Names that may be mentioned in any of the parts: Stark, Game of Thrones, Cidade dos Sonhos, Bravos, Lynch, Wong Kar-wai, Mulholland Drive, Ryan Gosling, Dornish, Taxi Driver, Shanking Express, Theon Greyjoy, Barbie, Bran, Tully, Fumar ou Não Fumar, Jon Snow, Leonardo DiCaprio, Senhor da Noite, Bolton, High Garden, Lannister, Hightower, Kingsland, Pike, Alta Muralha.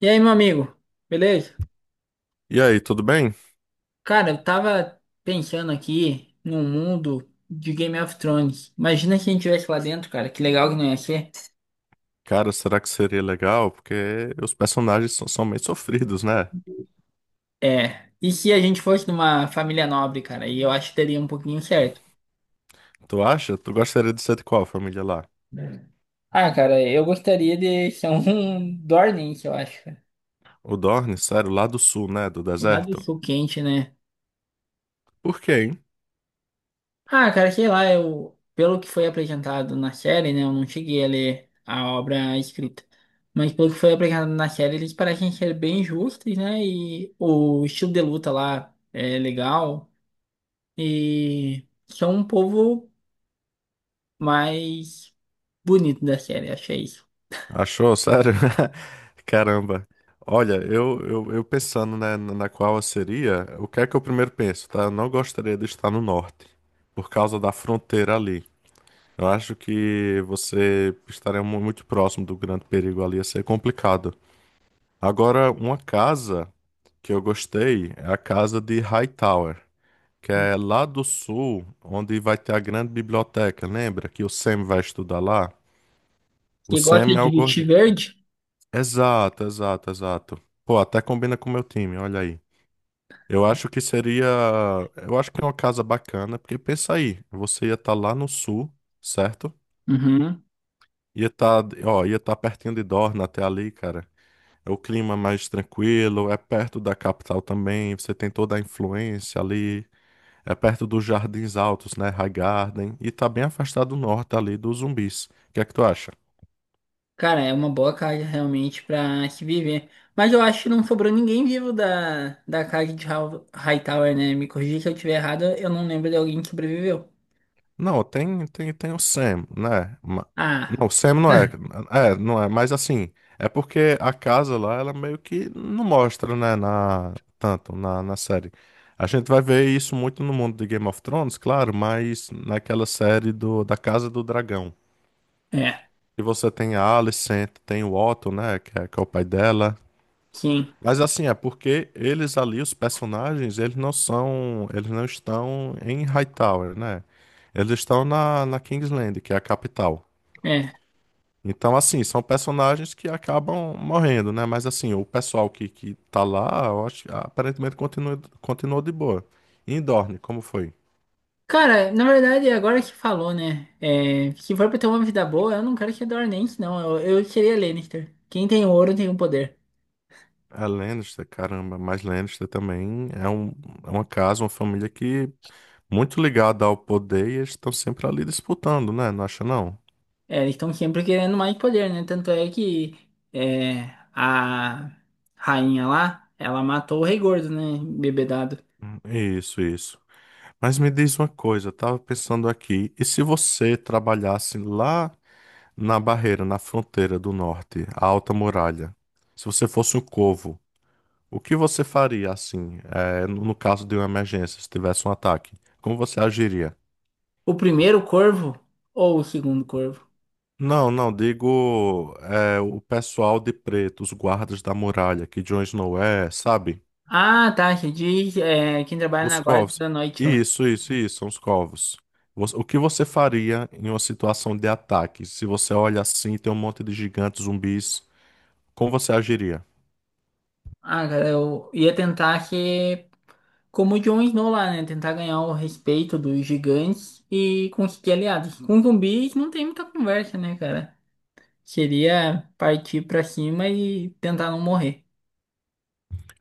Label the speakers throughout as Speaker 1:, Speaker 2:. Speaker 1: E aí, meu amigo, beleza?
Speaker 2: E aí, tudo bem?
Speaker 1: Cara, eu tava pensando aqui num mundo de Game of Thrones. Imagina se a gente tivesse lá dentro, cara, que legal que não ia ser.
Speaker 2: Cara, será que seria legal? Porque os personagens são meio sofridos, né?
Speaker 1: É, e se a gente fosse numa família nobre, cara, e eu acho que daria um pouquinho certo.
Speaker 2: Tu acha? Tu gostaria de ser de qual família lá?
Speaker 1: Ah, cara, eu gostaria de ser um Dornish, eu acho, cara.
Speaker 2: O Dorne, sério, lá do sul, né? Do
Speaker 1: Lá do
Speaker 2: deserto?
Speaker 1: sul quente, né?
Speaker 2: Por quê, hein?
Speaker 1: Ah, cara, sei lá, eu, pelo que foi apresentado na série, né, eu não cheguei a ler a obra escrita, mas pelo que foi apresentado na série, eles parecem ser bem justos, né, e o estilo de luta lá é legal, e são um povo mais bonito da série, achei isso.
Speaker 2: Achou? Sério? Caramba. Olha, eu pensando, né, na qual eu seria, o que é que eu primeiro penso, tá? Eu não gostaria de estar no norte, por causa da fronteira ali. Eu acho que você estaria muito próximo do grande perigo ali, ia ser complicado. Agora, uma casa que eu gostei é a casa de Hightower, que é lá do sul, onde vai ter a grande biblioteca, lembra? Que o Sam vai estudar lá. O
Speaker 1: Que gosta
Speaker 2: Sam é
Speaker 1: de
Speaker 2: o
Speaker 1: vestir
Speaker 2: gordinho.
Speaker 1: verde?
Speaker 2: Exato, exato, exato. Pô, até combina com o meu time, olha aí. Eu acho que seria. Eu acho que é uma casa bacana, porque pensa aí, você ia estar lá no sul, certo?
Speaker 1: Uhum.
Speaker 2: Ia estar, ó, ia estar pertinho de Dorna até ali, cara. É o clima mais tranquilo, é perto da capital também, você tem toda a influência ali. É perto dos Jardins Altos, né? High Garden. E tá bem afastado do norte ali dos zumbis. O que é que tu acha?
Speaker 1: Cara, é uma boa carga realmente pra se viver. Mas eu acho que não sobrou ninguém vivo da carga de Hightower, né? Me corrija se eu estiver errado, eu não lembro de alguém que sobreviveu.
Speaker 2: Não, tem o Sam, né? Não,
Speaker 1: Ah,
Speaker 2: o Sam não é. É, não é. Mas assim, é porque a casa lá, ela meio que não mostra, né? Tanto na série. A gente vai ver isso muito no mundo de Game of Thrones, claro, mas naquela série da Casa do Dragão.
Speaker 1: é,
Speaker 2: E você tem a Alicent, tem o Otto, né? Que é o pai dela.
Speaker 1: sim,
Speaker 2: Mas assim, é porque eles ali, os personagens, eles não estão em Hightower, né? Eles estão na Kingsland, que é a capital.
Speaker 1: é.
Speaker 2: Então, assim, são personagens que acabam morrendo, né? Mas assim, o pessoal que tá lá, eu acho, aparentemente continuou de boa. E em Dorne, como foi?
Speaker 1: Cara, na verdade, agora que falou, né? É, se for pra ter uma vida boa, eu não quero que Dornense, não. Eu seria Lannister. Quem tem ouro tem o poder.
Speaker 2: É Lannister, caramba, mas Lannister também é, um, é uma casa, uma família que muito ligada ao poder e eles estão sempre ali disputando, né? Não acha não?
Speaker 1: É, eles estão sempre querendo mais poder, né? Tanto é que é, a rainha lá, ela matou o rei gordo, né? Bebedado.
Speaker 2: Isso, isso. Mas me diz uma coisa, eu tava pensando aqui, e se você trabalhasse lá na barreira, na fronteira do norte, a Alta Muralha, se você fosse um corvo, o que você faria assim, no caso de uma emergência, se tivesse um ataque? Como você agiria?
Speaker 1: O primeiro corvo ou o segundo corvo?
Speaker 2: Não, não, digo, o pessoal de preto, os guardas da muralha, que Jon Snow é, sabe?
Speaker 1: Ah, tá. Você diz é, quem trabalha
Speaker 2: Os
Speaker 1: na guarda
Speaker 2: covos.
Speaker 1: da noite lá.
Speaker 2: Isso, são os covos. Você- O que você faria em uma situação de ataque? Se você olha assim e tem um monte de gigantes, zumbis, como você agiria?
Speaker 1: Ah, cara, eu ia tentar ser como o Jon Snow lá, né? Tentar ganhar o respeito dos gigantes e conseguir aliados. Com zumbis não tem muita conversa, né, cara? Seria partir pra cima e tentar não morrer.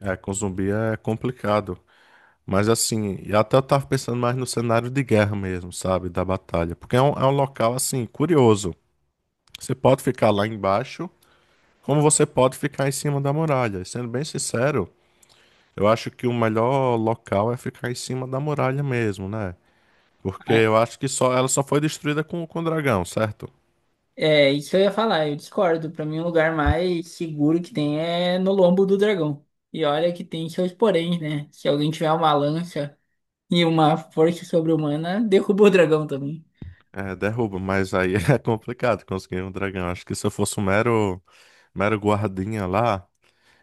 Speaker 2: É, com zumbi é complicado. Mas assim, e até eu tava pensando mais no cenário de guerra mesmo, sabe? Da batalha. Porque é um local, assim, curioso. Você pode ficar lá embaixo, como você pode ficar em cima da muralha. E sendo bem sincero, eu acho que o melhor local é ficar em cima da muralha mesmo, né? Porque
Speaker 1: Ah,
Speaker 2: eu acho que só ela só foi destruída com o dragão, certo?
Speaker 1: é, isso eu ia falar, eu discordo. Pra mim, o lugar mais seguro que tem é no lombo do dragão. E olha que tem seus poréns, né? Se alguém tiver uma lança. E uma força sobre-humana derrubou o dragão também.
Speaker 2: É, derruba, mas aí é complicado conseguir um dragão. Acho que se eu fosse um mero, mero guardinha lá,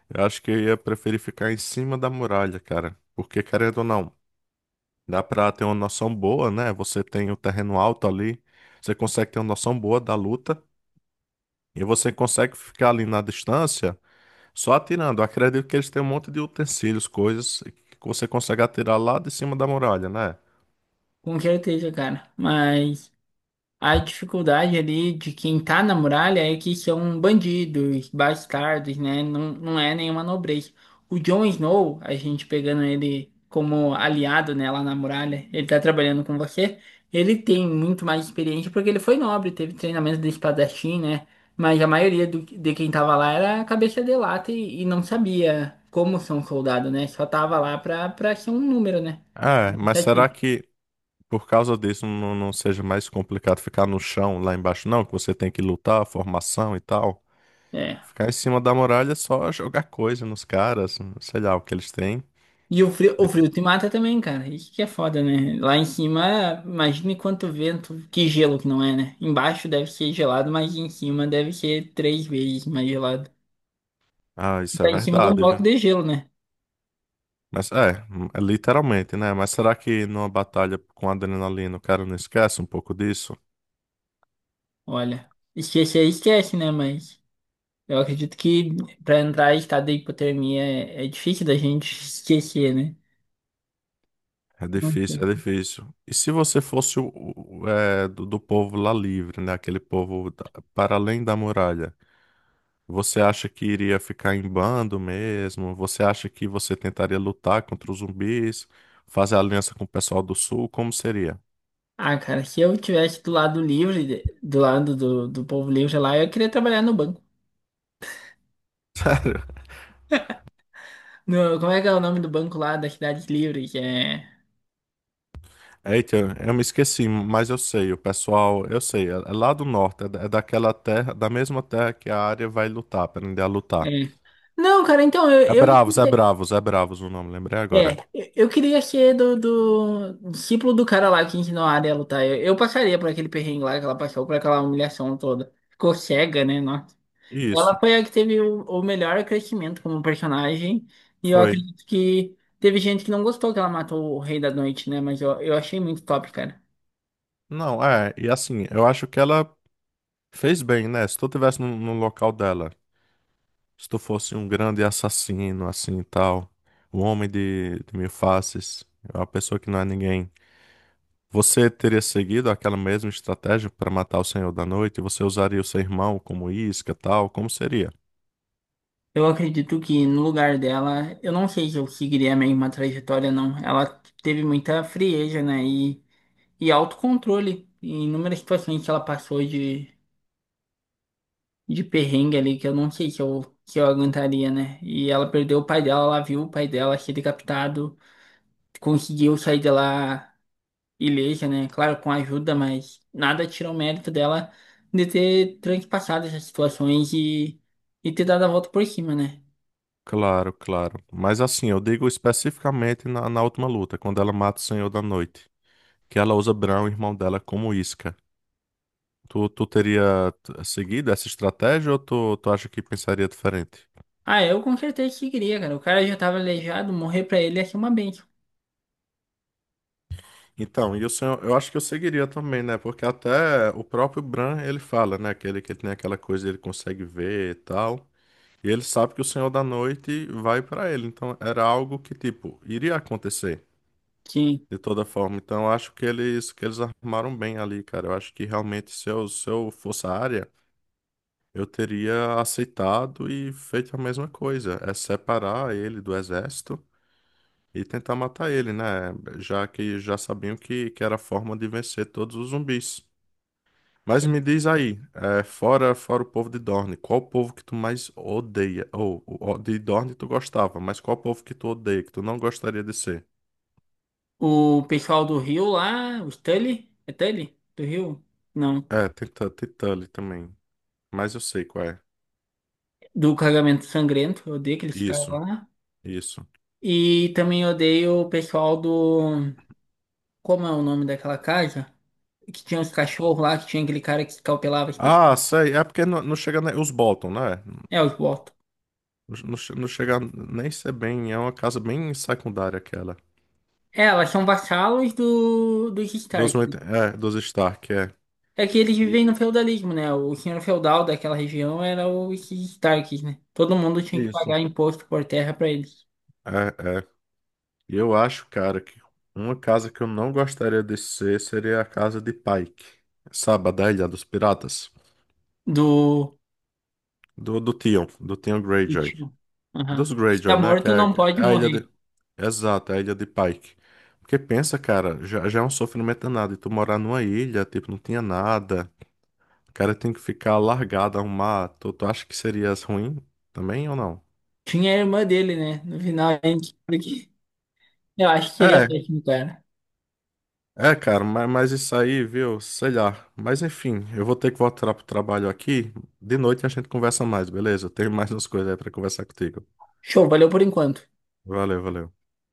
Speaker 2: eu acho que eu ia preferir ficar em cima da muralha, cara. Porque, querendo ou não, dá pra ter uma noção boa, né? Você tem o terreno alto ali, você consegue ter uma noção boa da luta, e você consegue ficar ali na distância só atirando. Eu acredito que eles têm um monte de utensílios, coisas que você consegue atirar lá de cima da muralha, né?
Speaker 1: Com certeza, cara. Mas. A dificuldade ali de quem tá na muralha é que são bandidos, bastardos, né? Não, não é nenhuma nobreza. O Jon Snow, a gente pegando ele como aliado, né, lá na muralha, ele tá trabalhando com você, ele tem muito mais experiência porque ele foi nobre, teve treinamento de espadachim, né? Mas a maioria de quem tava lá era cabeça de lata e não sabia como ser um soldado, né? Só tava lá pra ser um número, né?
Speaker 2: É, mas será
Speaker 1: Estatística.
Speaker 2: que por causa disso não seja mais complicado ficar no chão lá embaixo, não, que você tem que lutar, formação e tal.
Speaker 1: É.
Speaker 2: Ficar em cima da muralha é só jogar coisa nos caras, sei lá o que eles têm.
Speaker 1: E o
Speaker 2: E-
Speaker 1: frio te mata também, cara. Isso que é foda, né? Lá em cima, imagine quanto vento, que gelo que não é, né? Embaixo deve ser gelado, mas em cima deve ser três vezes mais gelado.
Speaker 2: Ah,
Speaker 1: E
Speaker 2: isso é
Speaker 1: tá em cima de um
Speaker 2: verdade, viu?
Speaker 1: bloco de gelo, né?
Speaker 2: Mas é, é literalmente, né? Mas será que numa batalha com adrenalina o cara não esquece um pouco disso?
Speaker 1: Olha, esquecer esquece, né? Mas eu acredito que pra entrar em estado de hipotermia é, é difícil da gente esquecer, né?
Speaker 2: É
Speaker 1: Não
Speaker 2: difícil,
Speaker 1: sei.
Speaker 2: é difícil. E se você fosse o, do povo lá livre, né? Aquele povo para além da muralha? Você acha que iria ficar em bando mesmo? Você acha que você tentaria lutar contra os zumbis, fazer aliança com o pessoal do sul? Como seria?
Speaker 1: Ah, cara, se eu tivesse do lado livre, do lado do povo livre lá, eu queria trabalhar no banco. No, como é que é o nome do banco lá das cidades livres é.
Speaker 2: Eita, eu me esqueci, mas eu sei, o pessoal, eu sei, é lá do norte, é daquela terra, da mesma terra que a área vai lutar, aprender a lutar.
Speaker 1: É. Não, cara, então,
Speaker 2: É Bravos, é Bravos o nome, lembrei agora.
Speaker 1: é, eu queria ser do discípulo do cara lá que ensinou a área a lutar. Eu passaria por aquele perrengue lá que ela passou, por aquela humilhação toda. Ficou cega, né? Nossa.
Speaker 2: Isso,
Speaker 1: Ela foi a que teve o melhor crescimento como personagem. E eu
Speaker 2: foi.
Speaker 1: acredito que teve gente que não gostou que ela matou o Rei da Noite, né? Mas eu achei muito top, cara.
Speaker 2: Não, é, e assim, eu acho que ela fez bem, né? Se tu tivesse no local dela, se tu fosse um grande assassino, assim e tal, um homem de mil faces, uma pessoa que não é ninguém, você teria seguido aquela mesma estratégia para matar o Senhor da Noite? Você usaria o seu irmão como isca, tal? Como seria?
Speaker 1: Eu acredito que no lugar dela, eu não sei se eu seguiria a mesma trajetória, não. Ela teve muita frieza, né? E. E autocontrole. Em inúmeras situações que ela passou de perrengue ali, que eu não sei se eu aguentaria, né? E ela perdeu o pai dela, ela viu o pai dela ser decapitado, conseguiu sair de lá ilesa, né? Claro, com ajuda, mas nada tira o mérito dela de ter transpassado essas situações e ter dado a volta por cima, né?
Speaker 2: Claro, claro. Mas assim, eu digo especificamente na última luta, quando ela mata o Senhor da Noite, que ela usa Bran, o irmão dela, como isca. Tu teria seguido essa estratégia ou tu acha que pensaria diferente?
Speaker 1: Ah, eu com certeza seguiria, cara. O cara já tava aleijado, morrer pra ele ia ser uma bênção.
Speaker 2: Então, e o senhor, eu acho que eu seguiria também, né? Porque até o próprio Bran, ele fala, né? Aquele que ele tem aquela coisa, ele consegue ver e tal. E ele sabe que o Senhor da Noite vai pra ele. Então, era algo que, tipo, iria acontecer
Speaker 1: Sim.
Speaker 2: de toda forma. Então, eu acho que eles armaram bem ali, cara. Eu acho que realmente se eu fosse a área, eu teria aceitado e feito a mesma coisa. É separar ele do exército e tentar matar ele, né? Já que já sabiam que era a forma de vencer todos os zumbis. Mas me diz aí, é, fora o povo de Dorne, qual o povo que tu mais odeia? Ou de Dorne tu gostava, mas qual o povo que tu odeia, que tu não gostaria de ser?
Speaker 1: O pessoal do Rio lá, o Tully, é Tully? Do Rio? Não.
Speaker 2: É, tem, tem Tully também, mas eu sei qual é.
Speaker 1: Do carregamento Sangrento, eu odeio aqueles caras
Speaker 2: Isso,
Speaker 1: lá.
Speaker 2: isso.
Speaker 1: E também odeio o pessoal do. Como é o nome daquela casa? Que tinha os cachorros lá, que tinha aquele cara que escalpelava as pessoas.
Speaker 2: Ah, sei, é porque não, não chega nem... Os Bolton, né?
Speaker 1: É, os Bolton.
Speaker 2: Não, não chega nem ser bem, é uma casa bem secundária aquela.
Speaker 1: É, elas são vassalos dos
Speaker 2: Dos,
Speaker 1: Stark, né?
Speaker 2: Dos Stark, é.
Speaker 1: É que eles
Speaker 2: I-
Speaker 1: vivem no feudalismo, né? O senhor feudal daquela região era os Starks, né? Todo mundo tinha que
Speaker 2: Isso.
Speaker 1: pagar imposto por terra pra eles.
Speaker 2: É, é. E eu acho, cara, que uma casa que eu não gostaria de ser seria a casa de Pike. Sabe, a da Ilha dos Piratas?
Speaker 1: Do
Speaker 2: Do Theon Greyjoy.
Speaker 1: Ritmo. Aham.
Speaker 2: Dos
Speaker 1: Se tá
Speaker 2: Greyjoy, né?
Speaker 1: morto, não
Speaker 2: Que é
Speaker 1: pode
Speaker 2: a ilha de...
Speaker 1: morrer.
Speaker 2: Exato, é a ilha de Pike. Porque pensa, cara, já é um sofrimento danado. E tu morar numa ilha, tipo, não tinha nada. O cara tem que ficar largado ao mar. Tu acha que seria ruim também ou não?
Speaker 1: Tinha a irmã dele, né? No final, a gente. Porque eu acho que seria
Speaker 2: É,
Speaker 1: péssimo, cara.
Speaker 2: É, cara, mas isso aí, viu? Sei lá. Mas enfim, eu vou ter que voltar pro trabalho aqui. De noite a gente conversa mais, beleza? Eu tenho mais umas coisas aí pra conversar contigo.
Speaker 1: Show, valeu por enquanto.
Speaker 2: Valeu, valeu.